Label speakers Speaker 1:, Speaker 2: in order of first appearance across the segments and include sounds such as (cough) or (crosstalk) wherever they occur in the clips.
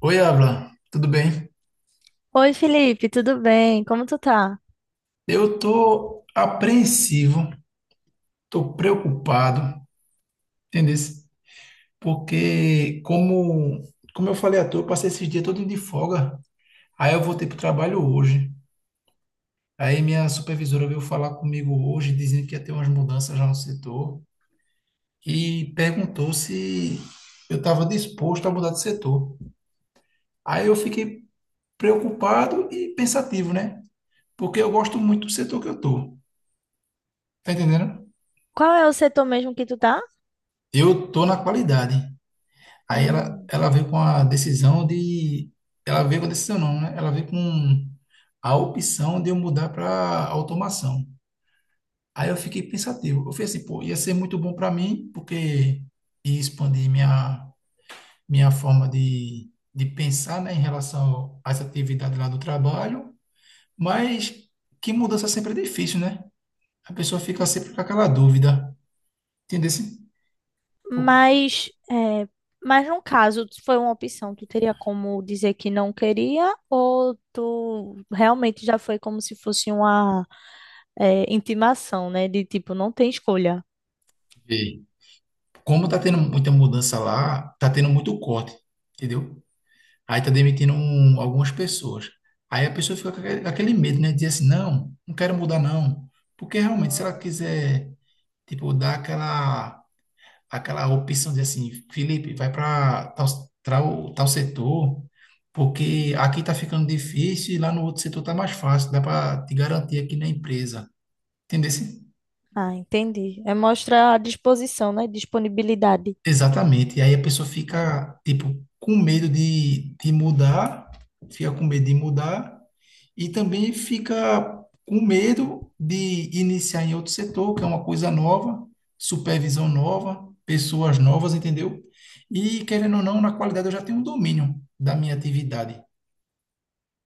Speaker 1: Oi, Abla, tudo bem?
Speaker 2: Oi, Felipe, tudo bem? Como tu tá?
Speaker 1: Eu tô apreensivo, tô preocupado, entendeu? Porque como eu falei à toa, eu passei esses dias todo de folga. Aí eu voltei pro trabalho hoje. Aí minha supervisora veio falar comigo hoje, dizendo que ia ter umas mudanças já no setor e perguntou se eu estava disposto a mudar de setor. Aí eu fiquei preocupado e pensativo, né? Porque eu gosto muito do setor que eu tô. Tá entendendo?
Speaker 2: Qual é o setor mesmo que tu tá?
Speaker 1: Eu tô na qualidade. Aí ela,
Speaker 2: Hum.
Speaker 1: ela veio com a decisão de. Ela veio com a decisão, não, né? Ela veio com a opção de eu mudar para automação. Aí eu fiquei pensativo. Eu falei assim, pô, ia ser muito bom para mim, porque ia expandir minha forma de pensar, né, em relação às atividades lá do trabalho. Mas que mudança sempre é difícil, né? A pessoa fica sempre com aquela dúvida. Entendeu?
Speaker 2: Mas, é, mas, no caso, foi uma opção? Tu teria como dizer que não queria, ou tu realmente já foi como se fosse uma intimação, né? De tipo, não tem escolha.
Speaker 1: Porque como tá tendo muita mudança lá, tá tendo muito corte, entendeu? Aí tá demitindo algumas pessoas. Aí a pessoa fica com aquele medo, né? Diz assim, não, não quero mudar, não. Porque realmente, se ela
Speaker 2: Hum.
Speaker 1: quiser, tipo, dar aquela opção de assim, Felipe, vai para tal, tal, tal setor, porque aqui tá ficando difícil e lá no outro setor tá mais fácil, dá para te garantir aqui na empresa. Entendeu?
Speaker 2: Ah, entendi. É mostrar a disposição, né? Disponibilidade.
Speaker 1: Exatamente. E aí a pessoa fica, tipo, com medo de mudar, fica com medo de mudar e também fica com medo de iniciar em outro setor, que é uma coisa nova, supervisão nova, pessoas novas, entendeu? E querendo ou não, na qualidade eu já tenho um domínio da minha atividade.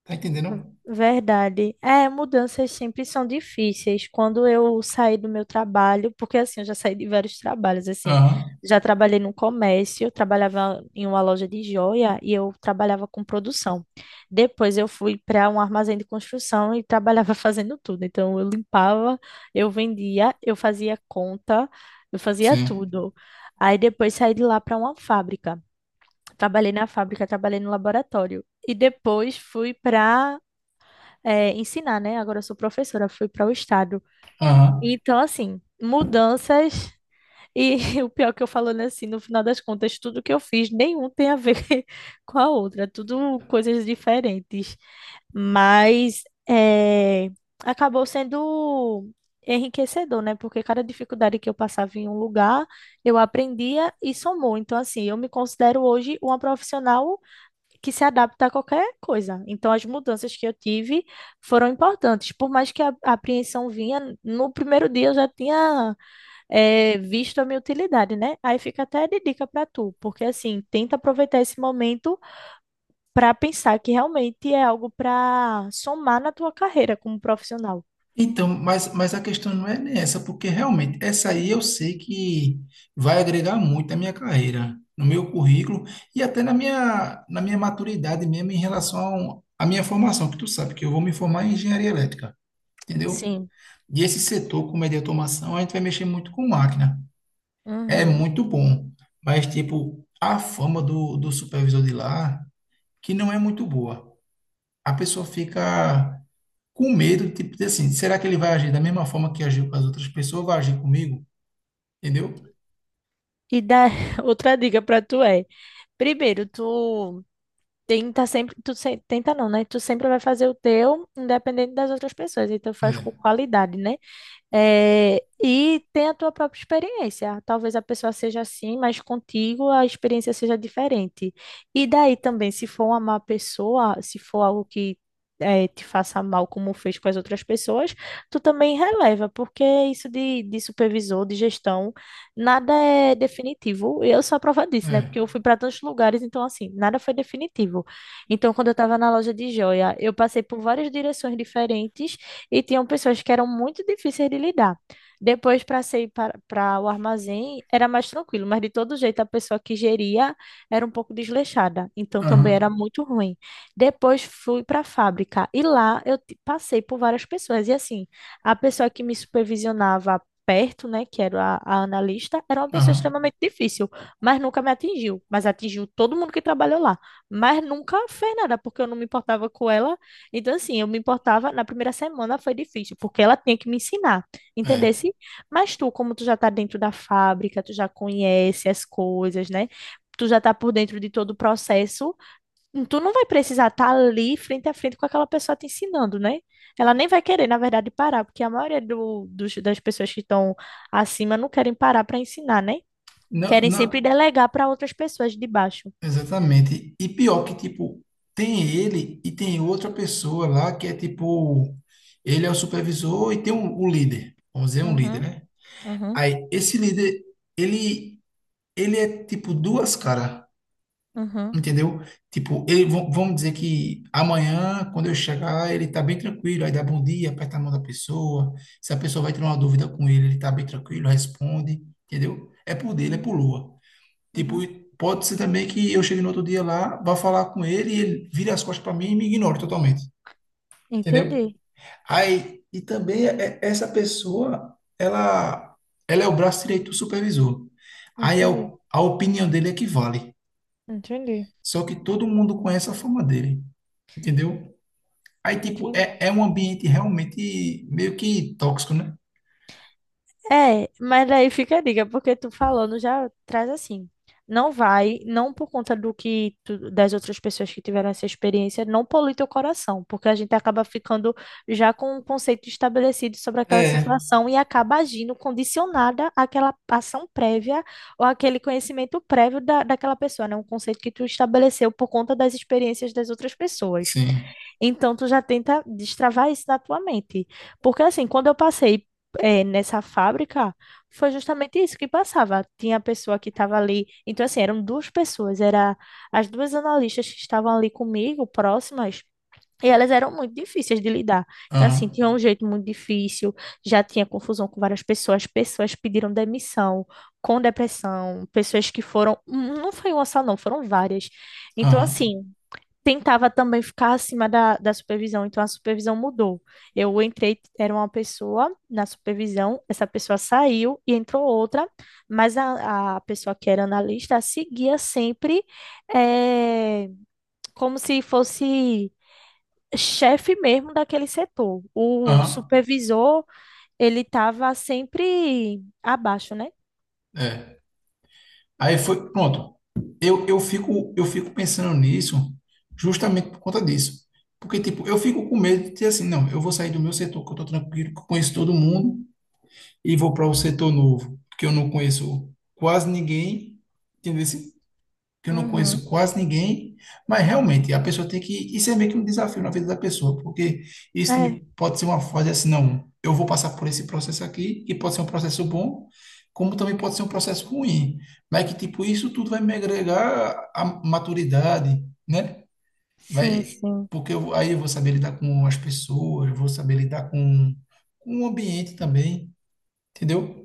Speaker 1: Tá entendendo?
Speaker 2: Verdade. É, mudanças sempre são difíceis. Quando eu saí do meu trabalho, porque assim, eu já saí de vários trabalhos, assim.
Speaker 1: Aham,
Speaker 2: Já trabalhei no comércio, eu trabalhava em uma loja de joia e eu trabalhava com produção. Depois eu fui para um armazém de construção e trabalhava (laughs) fazendo tudo. Então eu limpava, eu vendia, eu fazia conta, eu fazia
Speaker 1: sim.
Speaker 2: tudo. Aí depois saí de lá para uma fábrica. Trabalhei na fábrica, trabalhei no laboratório. E depois fui para ensinar, né? Agora eu sou professora, fui para o estado.
Speaker 1: Aham.
Speaker 2: Então, assim, mudanças. E (laughs) o pior que eu falando assim, no final das contas, tudo que eu fiz, nenhum tem a ver (laughs) com a outra, tudo coisas diferentes. Mas é, acabou sendo enriquecedor, né? Porque cada dificuldade que eu passava em um lugar, eu aprendia e somou. Então, assim, eu me considero hoje uma profissional que se adapta a qualquer coisa. Então, as mudanças que eu tive foram importantes. Por mais que a apreensão vinha, no primeiro dia eu já tinha visto a minha utilidade, né? Aí fica até de dica para tu, porque assim, tenta aproveitar esse momento para pensar que realmente é algo para somar na tua carreira como profissional.
Speaker 1: Então, mas a questão não é nem essa, porque realmente essa aí eu sei que vai agregar muito na minha carreira, no meu currículo e até na na minha maturidade mesmo em relação à minha formação, que tu sabe que eu vou me formar em engenharia elétrica, entendeu?
Speaker 2: Sim.
Speaker 1: E esse setor, como é de automação, a gente vai mexer muito com máquina. É
Speaker 2: Uhum.
Speaker 1: muito bom, mas tipo, a fama do supervisor de lá, que não é muito boa. A pessoa fica com medo, de tipo, de assim, será que ele vai agir da mesma forma que agiu com as outras pessoas, vai agir comigo? Entendeu?
Speaker 2: E da (laughs) outra dica para tu é, primeiro, tu tenta sempre, tu se- tenta não, né? Tu sempre vai fazer o teu, independente das outras pessoas. Então faz
Speaker 1: É,
Speaker 2: com qualidade, né? É, e tem a tua própria experiência. Talvez a pessoa seja assim, mas contigo a experiência seja diferente. E daí também, se for uma má pessoa, se for algo que te faça mal, como fez com as outras pessoas, tu também releva, porque isso de supervisor, de gestão, nada é definitivo. Eu sou a prova disso, né?
Speaker 1: é,
Speaker 2: Porque eu fui para tantos lugares, então, assim, nada foi definitivo. Então, quando eu estava na loja de joia, eu passei por várias direções diferentes e tinham pessoas que eram muito difíceis de lidar. Depois, para sair para o armazém, era mais tranquilo, mas de todo jeito a pessoa que geria era um pouco desleixada, então também era
Speaker 1: aham,
Speaker 2: muito ruim. Depois fui para a fábrica e lá passei por várias pessoas, e assim, a pessoa que me supervisionava perto, né, que era a analista, era uma pessoa
Speaker 1: aham,
Speaker 2: extremamente difícil, mas nunca me atingiu, mas atingiu todo mundo que trabalhou lá. Mas nunca fez nada, porque eu não me importava com ela. Então, assim, eu me importava, na primeira semana foi difícil, porque ela tinha que me ensinar,
Speaker 1: é.
Speaker 2: entendesse? Mas tu, como tu já tá dentro da fábrica, tu já conhece as coisas, né? Tu já tá por dentro de todo o processo, tu não vai precisar estar ali frente a frente com aquela pessoa te ensinando, né? Ela nem vai querer, na verdade, parar, porque a maioria das pessoas que estão acima não querem parar para ensinar, né?
Speaker 1: Não,
Speaker 2: Querem sempre
Speaker 1: não,
Speaker 2: delegar para outras pessoas de baixo.
Speaker 1: exatamente. E pior que, tipo, tem ele e tem outra pessoa lá que é, tipo, ele é o supervisor e tem um, o líder, vamos dizer, um líder,
Speaker 2: Uhum,
Speaker 1: né?
Speaker 2: uhum,
Speaker 1: Aí, esse líder, ele, ele é, tipo, duas caras.
Speaker 2: uhum,
Speaker 1: Entendeu? Tipo, ele, vão dizer que amanhã, quando eu chegar, ele tá bem tranquilo. Aí dá bom dia, aperta a mão da pessoa. Se a pessoa vai ter uma dúvida com ele, ele tá bem tranquilo, responde. Entendeu? É por dele, é
Speaker 2: uhum,
Speaker 1: por Lua. Tipo,
Speaker 2: uhum.
Speaker 1: e pode ser também que eu chegue no outro dia lá, vá falar com ele e ele vire as costas para mim e me ignore totalmente. Entendeu?
Speaker 2: Entendi,
Speaker 1: Aí, e também é, essa pessoa, ela é o braço direito do supervisor. Aí
Speaker 2: entendi.
Speaker 1: a opinião dele é que vale.
Speaker 2: Entendi,
Speaker 1: Só que todo mundo conhece a fama dele, entendeu? Aí, tipo,
Speaker 2: entendi.
Speaker 1: é um ambiente realmente meio que tóxico, né?
Speaker 2: É, mas daí fica a dica, porque tu falando já traz assim. Não vai, não, por conta do que das outras pessoas que tiveram essa experiência. Não polui teu coração, porque a gente acaba ficando já com um conceito estabelecido sobre aquela
Speaker 1: É,
Speaker 2: situação e acaba agindo condicionada àquela ação prévia ou àquele conhecimento prévio daquela pessoa, né? Um conceito que tu estabeleceu por conta das experiências das outras pessoas.
Speaker 1: sim.
Speaker 2: Então, tu já tenta destravar isso na tua mente. Porque, assim, quando eu passei, nessa fábrica, foi justamente isso que passava. Tinha a pessoa que estava ali. Então, assim, eram duas pessoas. Era as duas analistas que estavam ali comigo, próximas. E elas eram muito difíceis de lidar. Então, assim,
Speaker 1: Aham.
Speaker 2: tinha um jeito muito difícil, já tinha confusão com várias pessoas, pessoas pediram demissão, com depressão, pessoas que foram. Não foi uma só, não, foram várias. Então,
Speaker 1: Aham.
Speaker 2: assim, tentava também ficar acima da supervisão, então a supervisão mudou. Eu entrei, era uma pessoa na supervisão, essa pessoa saiu e entrou outra, mas a pessoa que era analista seguia sempre eh, como se fosse chefe mesmo daquele setor. O
Speaker 1: Aham.
Speaker 2: supervisor, ele estava sempre abaixo, né?
Speaker 1: É. Aí foi, pronto. Eu fico, eu fico pensando nisso justamente por conta disso. Porque, tipo, eu fico com medo de dizer assim, não, eu vou sair do meu setor, que eu tô tranquilo, que eu conheço todo mundo, e vou para um setor novo, que eu não conheço quase ninguém, entendeu? Que eu não
Speaker 2: Uhum.
Speaker 1: conheço quase ninguém, mas realmente a pessoa tem que. Isso é meio que um desafio na vida da pessoa, porque isso também
Speaker 2: É,
Speaker 1: pode ser uma fase assim, não, eu vou passar por esse processo aqui, e pode ser um processo bom, como também pode ser um processo ruim, mas que tipo, isso tudo vai me agregar a maturidade, né?
Speaker 2: sim,
Speaker 1: Vai,
Speaker 2: sim.
Speaker 1: porque aí eu vou saber lidar com as pessoas, eu vou saber lidar com o ambiente também, entendeu?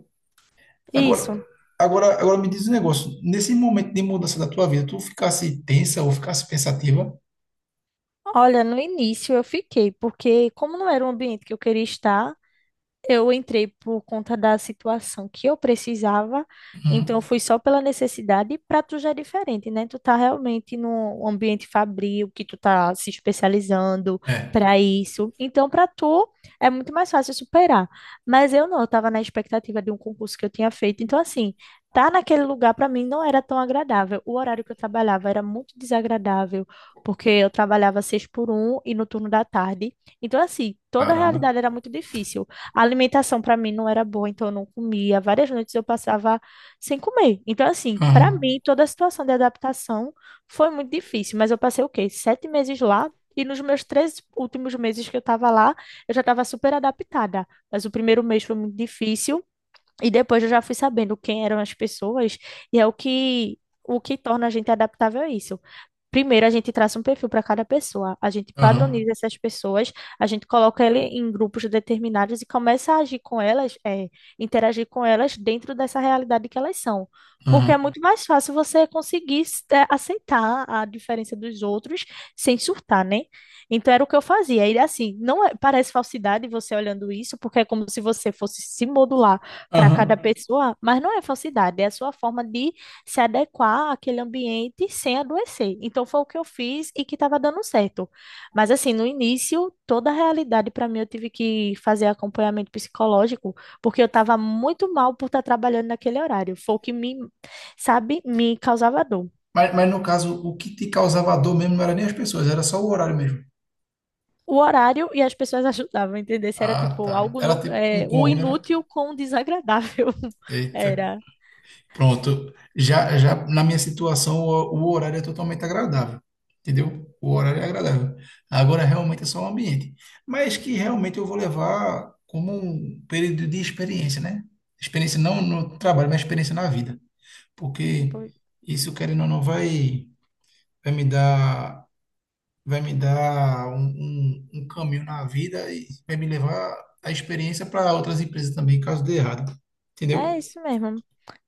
Speaker 1: Agora,
Speaker 2: Isso.
Speaker 1: agora me diz um negócio. Nesse momento de mudança da tua vida, tu ficasse tensa ou ficasse pensativa?
Speaker 2: Olha, no início eu fiquei, porque como não era um ambiente que eu queria estar, eu entrei por conta da situação que eu precisava, então eu
Speaker 1: Uhum.
Speaker 2: fui só pela necessidade. E para tu já é diferente, né? Tu tá realmente num ambiente fabril, que tu tá se especializando
Speaker 1: É,
Speaker 2: para isso. Então, para tu é muito mais fácil superar. Mas eu não, eu tava na expectativa de um concurso que eu tinha feito. Então, assim, tá naquele lugar para mim não era tão agradável. O horário que eu trabalhava era muito desagradável, porque eu trabalhava seis por um e no turno da tarde. Então, assim, toda a
Speaker 1: caramba.
Speaker 2: realidade era muito difícil. A alimentação para mim não era boa, então eu não comia. Várias noites eu passava sem comer. Então, assim, para
Speaker 1: Aham,
Speaker 2: mim, toda a situação de adaptação foi muito difícil. Mas eu passei o quê? 7 meses lá. E nos meus 3 últimos meses que eu estava lá, eu já estava super adaptada. Mas o primeiro mês foi muito difícil. E depois eu já fui sabendo quem eram as pessoas. E é o que torna a gente adaptável a isso. Primeiro, a gente traça um perfil para cada pessoa, a gente
Speaker 1: aham,
Speaker 2: padroniza essas pessoas, a gente coloca ele em grupos determinados e começa a agir com elas, interagir com elas dentro dessa realidade que elas são. Porque é
Speaker 1: aham,
Speaker 2: muito mais fácil você conseguir aceitar a diferença dos outros sem surtar, né? Então era o que eu fazia. E assim, não é- parece falsidade você olhando isso, porque é como se você fosse se modular para cada
Speaker 1: aham.
Speaker 2: pessoa, mas não é falsidade, é a sua forma de se adequar àquele ambiente sem adoecer. Então foi o que eu fiz e que estava dando certo. Mas assim, no início, toda a realidade para mim, eu tive que fazer acompanhamento psicológico, porque eu estava muito mal por estar trabalhando naquele horário. Foi o que me, sabe, me causava dor.
Speaker 1: Mas no caso, o que te causava dor mesmo não era nem as pessoas, era só o horário mesmo.
Speaker 2: O horário e as pessoas (laughs) ajudavam a entender se era
Speaker 1: Ah,
Speaker 2: tipo
Speaker 1: tá.
Speaker 2: algo
Speaker 1: Era
Speaker 2: não,
Speaker 1: tipo um
Speaker 2: é, o
Speaker 1: combo, né?
Speaker 2: inútil com o desagradável. (laughs)
Speaker 1: Eita,
Speaker 2: Era.
Speaker 1: pronto. Já na minha situação, o horário é totalmente agradável. Entendeu? O horário é agradável. Agora, realmente, é só o ambiente. Mas que realmente eu vou levar como um período de experiência, né? Experiência não no trabalho, mas experiência na vida. Porque
Speaker 2: Foi-
Speaker 1: isso, querendo ou não, vai me dar, vai me dar um caminho na vida e vai me levar a experiência para outras empresas também, caso dê errado.
Speaker 2: É
Speaker 1: Entendeu?
Speaker 2: isso mesmo.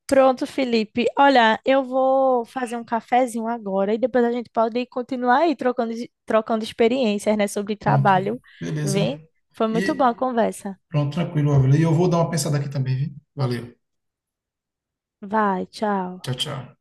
Speaker 2: Pronto, Felipe. Olha, eu vou fazer um cafezinho agora e depois a gente pode continuar aí trocando, experiências, né, sobre
Speaker 1: Pronto.
Speaker 2: trabalho.
Speaker 1: Beleza.
Speaker 2: Vem? Foi muito
Speaker 1: E,
Speaker 2: boa a conversa.
Speaker 1: pronto, tranquilo, Ávila. E eu vou dar uma pensada aqui também, viu? Valeu.
Speaker 2: Vai, tchau.
Speaker 1: Tchau, tchau.